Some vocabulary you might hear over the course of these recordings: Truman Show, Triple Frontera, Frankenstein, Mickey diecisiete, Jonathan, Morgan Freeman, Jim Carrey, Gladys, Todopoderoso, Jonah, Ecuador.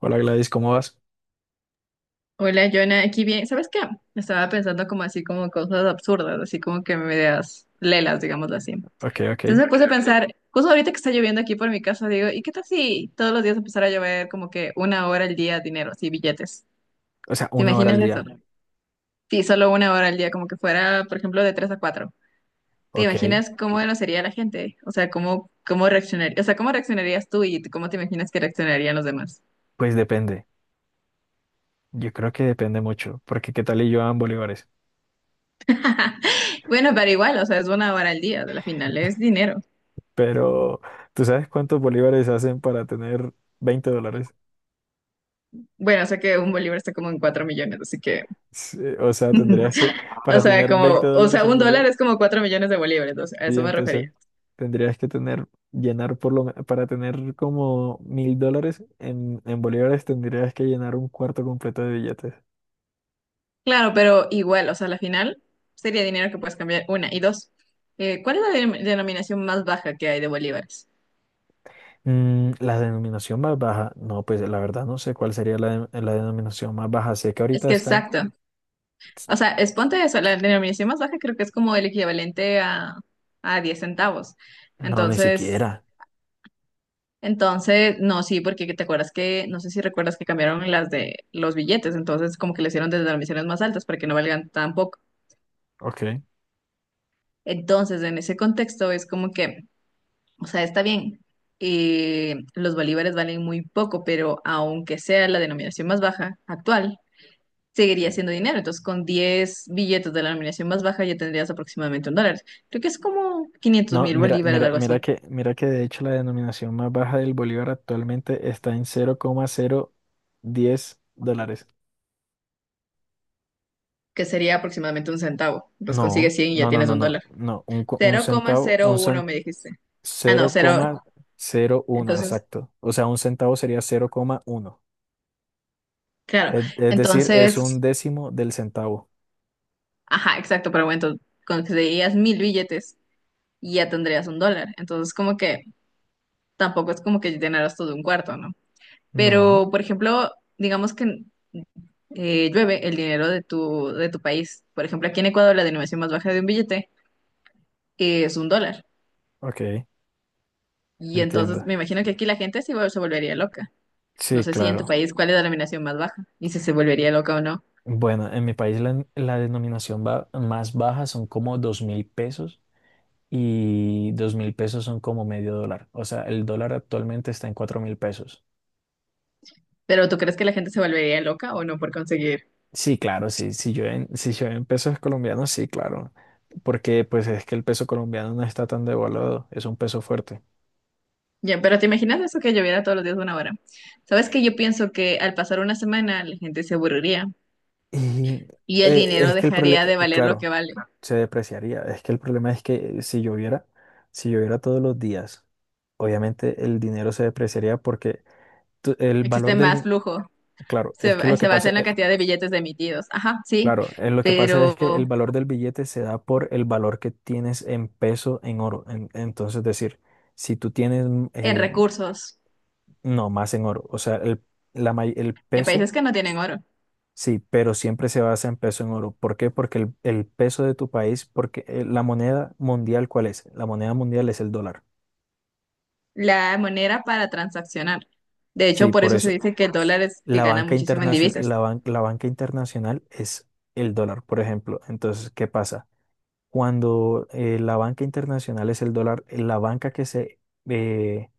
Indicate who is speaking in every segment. Speaker 1: Hola Gladys, ¿cómo vas?
Speaker 2: Hola, Jonah, aquí bien. ¿Sabes qué? Estaba pensando como así, como cosas absurdas, así como que medias lelas, digámoslo así.
Speaker 1: Ok, ok.
Speaker 2: Entonces me puse a pensar, justo ahorita que está lloviendo aquí por mi casa, digo, ¿y qué tal si todos los días empezara a llover como que una hora al día dinero, así, billetes?
Speaker 1: O sea,
Speaker 2: ¿Te
Speaker 1: una hora
Speaker 2: imaginas
Speaker 1: al
Speaker 2: eso?
Speaker 1: día.
Speaker 2: Sí, solo una hora al día, como que fuera, por ejemplo, de 3 a 4. ¿Te
Speaker 1: Ok,
Speaker 2: imaginas cómo no sería la gente? O sea, ¿cómo reaccionaría? O sea, ¿cómo reaccionarías tú y cómo te imaginas que reaccionarían los demás?
Speaker 1: pues depende. Yo creo que depende mucho, porque qué tal y yo en bolívares.
Speaker 2: Bueno, pero igual, o sea, es una hora al día, de la final es dinero.
Speaker 1: Pero, ¿tú sabes cuántos bolívares hacen para tener 20 dólares?
Speaker 2: Bueno, o sea que un bolívar está como en 4 millones, así que,
Speaker 1: Sí, o sea, tendrías que,
Speaker 2: o
Speaker 1: para
Speaker 2: sea,
Speaker 1: tener 20
Speaker 2: como, o sea,
Speaker 1: dólares en
Speaker 2: un dólar
Speaker 1: bolívar,
Speaker 2: es como 4 millones de bolívares, entonces a
Speaker 1: sí,
Speaker 2: eso me
Speaker 1: entonces
Speaker 2: refería.
Speaker 1: tendrías que tener, llenar por lo, para tener como 1.000 dólares en bolívares, tendrías que llenar un cuarto completo de billetes.
Speaker 2: Claro, pero igual, o sea, la final sería dinero que puedes cambiar, una. Y dos, ¿cuál es la denominación más baja que hay de bolívares?
Speaker 1: Mm, la denominación más baja, no, pues la verdad no sé cuál sería la denominación más baja. Sé que
Speaker 2: Es
Speaker 1: ahorita
Speaker 2: que
Speaker 1: están,
Speaker 2: exacto, o sea, es ponte eso, la denominación más baja creo que es como el equivalente a 10 centavos.
Speaker 1: no, ni
Speaker 2: Entonces,
Speaker 1: siquiera.
Speaker 2: Entonces, no, sí, porque te acuerdas que, no sé si recuerdas que cambiaron las de los billetes, entonces como que le hicieron desde transmisiones más altas para que no valgan tan poco.
Speaker 1: Ok.
Speaker 2: Entonces, en ese contexto es como que, o sea, está bien, los bolívares valen muy poco, pero aunque sea la denominación más baja actual, seguiría siendo dinero. Entonces, con 10 billetes de la denominación más baja ya tendrías aproximadamente un dólar. Creo que es como quinientos
Speaker 1: No,
Speaker 2: mil
Speaker 1: mira,
Speaker 2: bolívares,
Speaker 1: mira,
Speaker 2: algo
Speaker 1: mira
Speaker 2: así,
Speaker 1: que, mira que de hecho la denominación más baja del bolívar actualmente está en 00,010 dólares.
Speaker 2: que sería aproximadamente un centavo. Los consigues
Speaker 1: No,
Speaker 2: 100 y ya
Speaker 1: no, no,
Speaker 2: tienes
Speaker 1: no,
Speaker 2: un
Speaker 1: no,
Speaker 2: dólar.
Speaker 1: no, un
Speaker 2: cero cero coma
Speaker 1: centavo,
Speaker 2: cero uno me dijiste. Ah, no,
Speaker 1: cero cero
Speaker 2: cero.
Speaker 1: coma cero uno
Speaker 2: Entonces,
Speaker 1: exacto. O sea, un centavo sería 0,1.
Speaker 2: claro.
Speaker 1: Es decir, es un
Speaker 2: Entonces,
Speaker 1: décimo del centavo.
Speaker 2: ajá, exacto, pero bueno, entonces conseguirías 1.000 billetes y ya tendrías un dólar. Entonces, como que tampoco es como que llenaras todo un cuarto, ¿no?
Speaker 1: No,
Speaker 2: Pero, por ejemplo, digamos que llueve el dinero de tu país. Por ejemplo, aquí en Ecuador la denominación más baja de un billete es un dólar.
Speaker 1: ok.
Speaker 2: Y entonces
Speaker 1: Entiendo.
Speaker 2: me imagino que aquí la gente sí se volvería loca. No
Speaker 1: Sí,
Speaker 2: sé si en tu
Speaker 1: claro.
Speaker 2: país cuál es la denominación más baja y si se volvería loca o no.
Speaker 1: Bueno, en mi país la denominación más baja son como 2.000 pesos y 2.000 pesos son como medio dólar. O sea, el dólar actualmente está en 4.000 pesos.
Speaker 2: Pero ¿tú crees que la gente se volvería loca o no por conseguir?
Speaker 1: Sí, claro, sí. Si yo en pesos colombianos, sí, claro. Porque pues es que el peso colombiano no está tan devaluado, es un peso fuerte.
Speaker 2: Ya, pero ¿te imaginas eso que lloviera todos los días una hora? ¿Sabes que yo pienso que al pasar una semana la gente se aburriría
Speaker 1: Y
Speaker 2: y el dinero
Speaker 1: es que el problema,
Speaker 2: dejaría de valer lo que
Speaker 1: claro,
Speaker 2: vale?
Speaker 1: se depreciaría. Es que el problema es que si lloviera todos los días, obviamente el dinero se depreciaría porque el
Speaker 2: Existe
Speaker 1: valor
Speaker 2: más flujo,
Speaker 1: claro, es que
Speaker 2: se,
Speaker 1: lo
Speaker 2: se
Speaker 1: que
Speaker 2: basa
Speaker 1: pasa,
Speaker 2: en la cantidad de billetes emitidos, ajá, sí,
Speaker 1: claro, lo que pasa es
Speaker 2: pero
Speaker 1: que el valor del billete se da por el valor que tienes en peso en oro. Entonces, decir, si tú tienes,
Speaker 2: en recursos,
Speaker 1: no, más en oro, o sea, el
Speaker 2: en
Speaker 1: peso.
Speaker 2: países que no tienen oro,
Speaker 1: Sí, pero siempre se basa en peso en oro. ¿Por qué? Porque el peso de tu país, porque la moneda mundial, ¿cuál es? La moneda mundial es el dólar.
Speaker 2: la moneda para transaccionar. De hecho,
Speaker 1: Sí,
Speaker 2: por
Speaker 1: por
Speaker 2: eso se
Speaker 1: eso.
Speaker 2: dice que el dólar es que
Speaker 1: La
Speaker 2: gana
Speaker 1: banca
Speaker 2: muchísimo en
Speaker 1: internacional,
Speaker 2: divisas.
Speaker 1: la banca internacional es el dólar, por ejemplo. Entonces, ¿qué pasa? Cuando la banca internacional es el dólar, la banca que se, eh,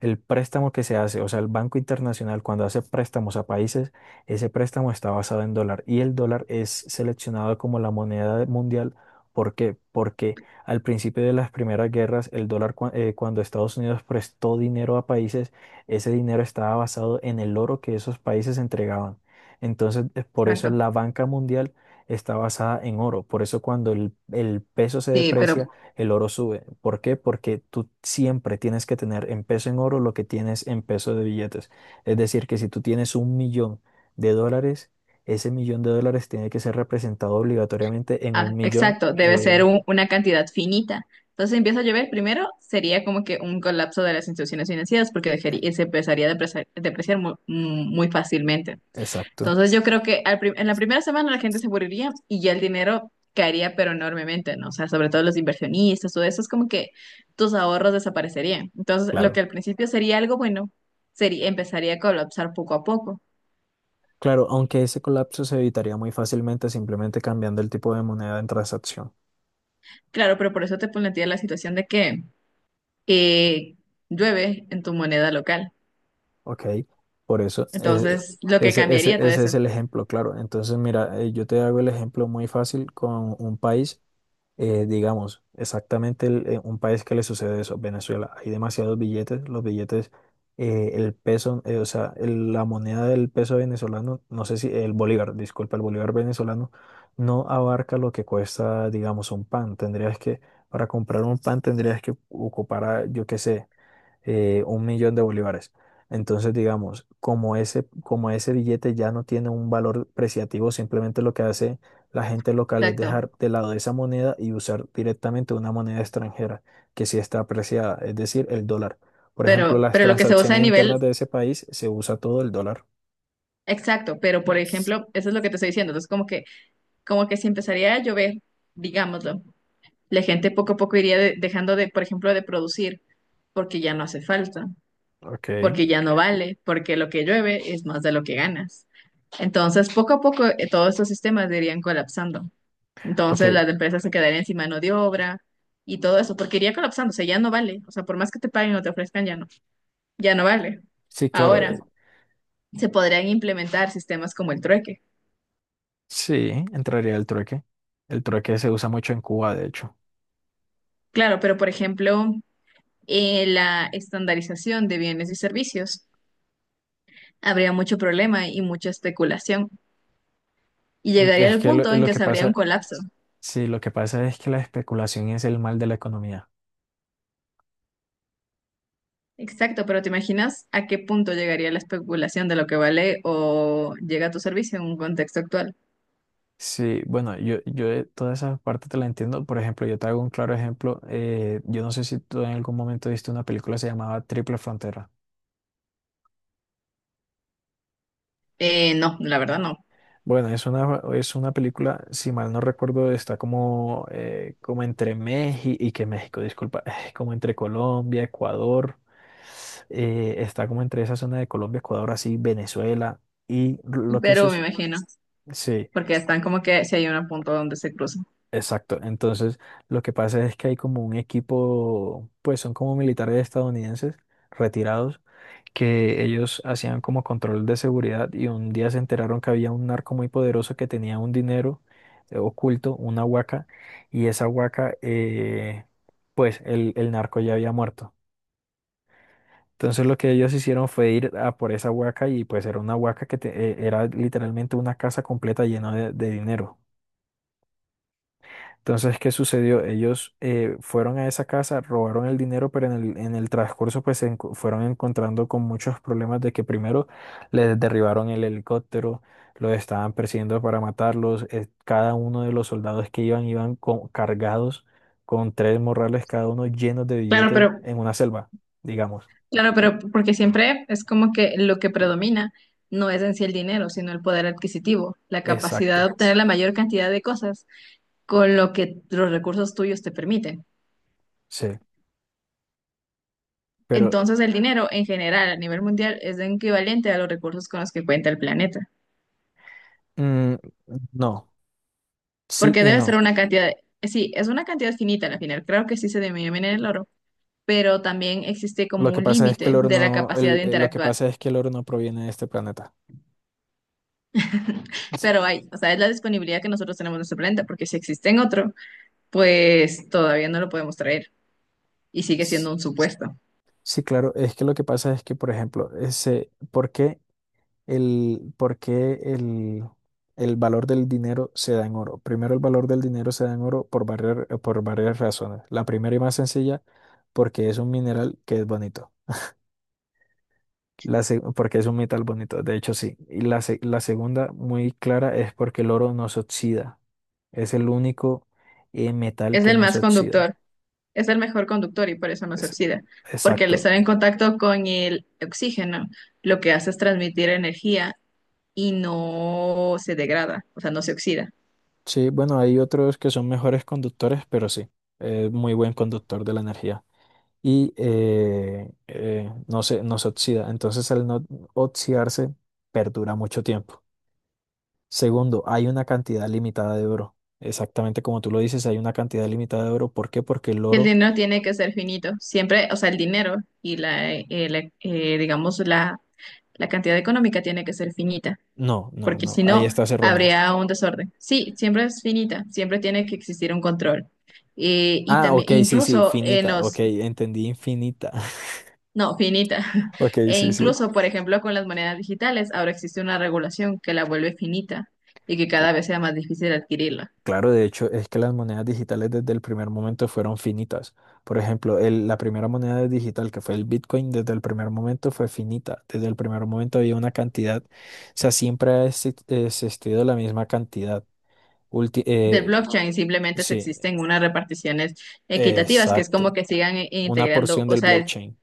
Speaker 1: El préstamo que se hace, o sea, el Banco Internacional cuando hace préstamos a países, ese préstamo está basado en dólar y el dólar es seleccionado como la moneda mundial. ¿Por qué? Porque al principio de las primeras guerras, el dólar, cuando Estados Unidos prestó dinero a países, ese dinero estaba basado en el oro que esos países entregaban. Entonces, por eso
Speaker 2: Exacto.
Speaker 1: la banca mundial está basada en oro. Por eso cuando el peso se
Speaker 2: Sí, pero
Speaker 1: deprecia, el oro sube. ¿Por qué? Porque tú siempre tienes que tener en peso en oro lo que tienes en peso de billetes. Es decir, que si tú tienes un millón de dólares, ese millón de dólares tiene que ser representado obligatoriamente en
Speaker 2: Ah,
Speaker 1: un millón.
Speaker 2: exacto, debe ser una cantidad finita. Entonces si empieza a llover, primero sería como que un colapso de las instituciones financieras porque se empezaría a depreciar muy fácilmente.
Speaker 1: Exacto,
Speaker 2: Entonces yo creo que en la primera semana la gente se moriría y ya el dinero caería pero enormemente, ¿no? O sea, sobre todo los inversionistas, todo eso es como que tus ahorros desaparecerían. Entonces lo que
Speaker 1: claro.
Speaker 2: al principio sería algo bueno, empezaría a colapsar poco a poco.
Speaker 1: Claro, aunque ese colapso se evitaría muy fácilmente simplemente cambiando el tipo de moneda en transacción.
Speaker 2: Claro, pero por eso te planteé la situación de que eh, llueve en tu moneda local.
Speaker 1: ¿Ok? Por eso,
Speaker 2: Entonces, lo que cambiaría todo
Speaker 1: ese
Speaker 2: eso.
Speaker 1: es el ejemplo, claro. Entonces, mira, yo te hago el ejemplo muy fácil con un país. Digamos, exactamente un país que le sucede eso, Venezuela. Hay demasiados billetes, los billetes, el peso, o sea, la moneda del peso venezolano, no sé si el bolívar, disculpa, el bolívar venezolano no abarca lo que cuesta, digamos, un pan. Tendrías que, para comprar un pan tendrías que ocupar, yo qué sé un millón de bolívares. Entonces, digamos, como ese billete ya no tiene un valor preciativo, simplemente lo que hace la gente local es
Speaker 2: Exacto.
Speaker 1: dejar de lado esa moneda y usar directamente una moneda extranjera que sí está apreciada, es decir, el dólar. Por ejemplo,
Speaker 2: Pero,
Speaker 1: las
Speaker 2: pero lo que se usa a
Speaker 1: transacciones
Speaker 2: nivel.
Speaker 1: internas de ese país se usa todo el dólar.
Speaker 2: Exacto. Pero, por ejemplo, eso es lo que te estoy diciendo. Entonces, como que si empezaría a llover, digámoslo, la gente poco a poco iría dejando de, por ejemplo, de producir porque ya no hace falta,
Speaker 1: Ok,
Speaker 2: porque ya no vale, porque lo que llueve es más de lo que ganas. Entonces, poco a poco, todos estos sistemas irían colapsando.
Speaker 1: ok.
Speaker 2: Entonces las empresas se quedarían sin mano de obra y todo eso, porque iría colapsando, o sea, ya no vale, o sea, por más que te paguen o te ofrezcan, ya no. Ya no vale.
Speaker 1: Sí, claro,
Speaker 2: Ahora se podrían implementar sistemas como el trueque.
Speaker 1: sí, entraría el trueque. El trueque se usa mucho en Cuba, de hecho.
Speaker 2: Claro, pero por ejemplo, la estandarización de bienes y servicios habría mucho problema y mucha especulación y llegaría
Speaker 1: Es
Speaker 2: al
Speaker 1: que lo,
Speaker 2: punto en
Speaker 1: lo
Speaker 2: que
Speaker 1: que
Speaker 2: se habría un
Speaker 1: pasa.
Speaker 2: colapso.
Speaker 1: Sí, lo que pasa es que la especulación es el mal de la economía.
Speaker 2: Exacto, pero ¿te imaginas a qué punto llegaría la especulación de lo que vale o llega a tu servicio en un contexto actual?
Speaker 1: Sí, bueno, yo de toda esa parte te la entiendo. Por ejemplo, yo te hago un claro ejemplo. Yo no sé si tú en algún momento viste una película, se llamaba Triple Frontera.
Speaker 2: No, la verdad no,
Speaker 1: Bueno, es una película, si mal no recuerdo, está como, como entre México, y que México, disculpa, como entre Colombia, Ecuador, está como entre esa zona de Colombia, Ecuador, así, Venezuela, y lo que
Speaker 2: pero me imagino,
Speaker 1: sucede.
Speaker 2: porque están como que si hay un punto donde se cruzan.
Speaker 1: Exacto. Entonces, lo que pasa es que hay como un equipo, pues son como militares estadounidenses retirados, que ellos hacían como control de seguridad y un día se enteraron que había un narco muy poderoso que tenía un dinero oculto, una huaca, y esa huaca, pues el narco ya había muerto. Entonces lo que ellos hicieron fue ir a por esa huaca y pues era una huaca era literalmente una casa completa llena de dinero. Entonces, ¿qué sucedió? Ellos fueron a esa casa, robaron el dinero, pero en el transcurso pues fueron encontrando con muchos problemas de que primero les derribaron el helicóptero, los estaban persiguiendo para matarlos, cada uno de los soldados que iban cargados con tres morrales cada uno llenos de
Speaker 2: Claro,
Speaker 1: billetes
Speaker 2: pero
Speaker 1: en una selva, digamos.
Speaker 2: Claro, pero porque siempre es como que lo que predomina no es en sí el dinero, sino el poder adquisitivo, la capacidad
Speaker 1: Exacto,
Speaker 2: de obtener la mayor cantidad de cosas con lo que los recursos tuyos te permiten.
Speaker 1: sí. Pero
Speaker 2: Entonces el dinero en general a nivel mundial es equivalente a los recursos con los que cuenta el planeta,
Speaker 1: mm, no, sí
Speaker 2: porque
Speaker 1: y
Speaker 2: debe ser
Speaker 1: no.
Speaker 2: una cantidad, sí, es una cantidad finita al final, creo que sí se denomina el oro, pero también existe como
Speaker 1: Lo que
Speaker 2: un
Speaker 1: pasa es que el
Speaker 2: límite
Speaker 1: oro
Speaker 2: de la
Speaker 1: no,
Speaker 2: capacidad de
Speaker 1: lo que
Speaker 2: interactuar,
Speaker 1: pasa es que el oro no proviene de este planeta.
Speaker 2: pero hay, o sea, es la disponibilidad que nosotros tenemos en nuestro planeta, porque si existe en otro pues todavía no lo podemos traer y sigue
Speaker 1: S-
Speaker 2: siendo un supuesto.
Speaker 1: Sí, claro, es que lo que pasa es que, por ejemplo, ¿por qué el, por qué el, el valor del dinero se da en oro? Primero, el valor del dinero se da en oro por varias razones. La primera y más sencilla, porque es un mineral que es bonito. Porque es un metal bonito, de hecho sí. Y la segunda, muy clara, es porque el oro no se oxida. Es el único metal
Speaker 2: Es
Speaker 1: que
Speaker 2: el
Speaker 1: no se
Speaker 2: más
Speaker 1: oxida.
Speaker 2: conductor, es el mejor conductor y por eso no se
Speaker 1: Es-
Speaker 2: oxida, porque al estar en
Speaker 1: exacto.
Speaker 2: contacto con el oxígeno, lo que hace es transmitir energía y no se degrada, o sea, no se oxida.
Speaker 1: Sí, bueno, hay otros que son mejores conductores, pero sí, es muy buen conductor de la energía. Y no se oxida. Entonces, al no oxidarse, perdura mucho tiempo. Segundo, hay una cantidad limitada de oro. Exactamente como tú lo dices, hay una cantidad limitada de oro. ¿Por qué? Porque el
Speaker 2: Si el
Speaker 1: oro.
Speaker 2: dinero tiene que ser finito, siempre, o sea, el dinero y digamos, la cantidad económica tiene que ser finita.
Speaker 1: No, no,
Speaker 2: Porque
Speaker 1: no.
Speaker 2: si
Speaker 1: Ahí
Speaker 2: no,
Speaker 1: estás errónea.
Speaker 2: habría un desorden. Sí, siempre es finita, siempre tiene que existir un control. Y
Speaker 1: Ah,
Speaker 2: también,
Speaker 1: ok, sí, sí,
Speaker 2: incluso en
Speaker 1: finita. Ok,
Speaker 2: los,
Speaker 1: entendí infinita.
Speaker 2: no, finita,
Speaker 1: Ok,
Speaker 2: e
Speaker 1: sí, sí.
Speaker 2: incluso, por ejemplo, con las monedas digitales, ahora existe una regulación que la vuelve finita y que cada vez sea más difícil adquirirla.
Speaker 1: Claro, de hecho, es que las monedas digitales desde el primer momento fueron finitas. Por ejemplo, la primera moneda digital que fue el Bitcoin, desde el primer momento fue finita. Desde el primer momento había una cantidad, o sea, siempre ha existido la misma cantidad. Ulti-
Speaker 2: Del
Speaker 1: eh,
Speaker 2: blockchain simplemente se
Speaker 1: sí,
Speaker 2: existen unas reparticiones equitativas, que es como
Speaker 1: exacto.
Speaker 2: que sigan i-
Speaker 1: Una
Speaker 2: integrando,
Speaker 1: porción
Speaker 2: o
Speaker 1: del
Speaker 2: sea,
Speaker 1: blockchain.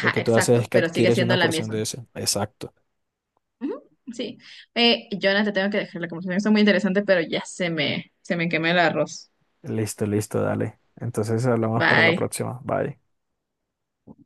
Speaker 1: Lo que tú haces
Speaker 2: exacto,
Speaker 1: es que
Speaker 2: pero sigue
Speaker 1: adquieres
Speaker 2: siendo
Speaker 1: una
Speaker 2: la
Speaker 1: porción
Speaker 2: misma.
Speaker 1: de eso. Exacto.
Speaker 2: Ujú, sí. Jonathan, te tengo que dejar la conversación. Está muy interesante, pero ya se me quemó el arroz.
Speaker 1: Listo, listo, dale. Entonces hablamos para la
Speaker 2: Bye.
Speaker 1: próxima. Bye.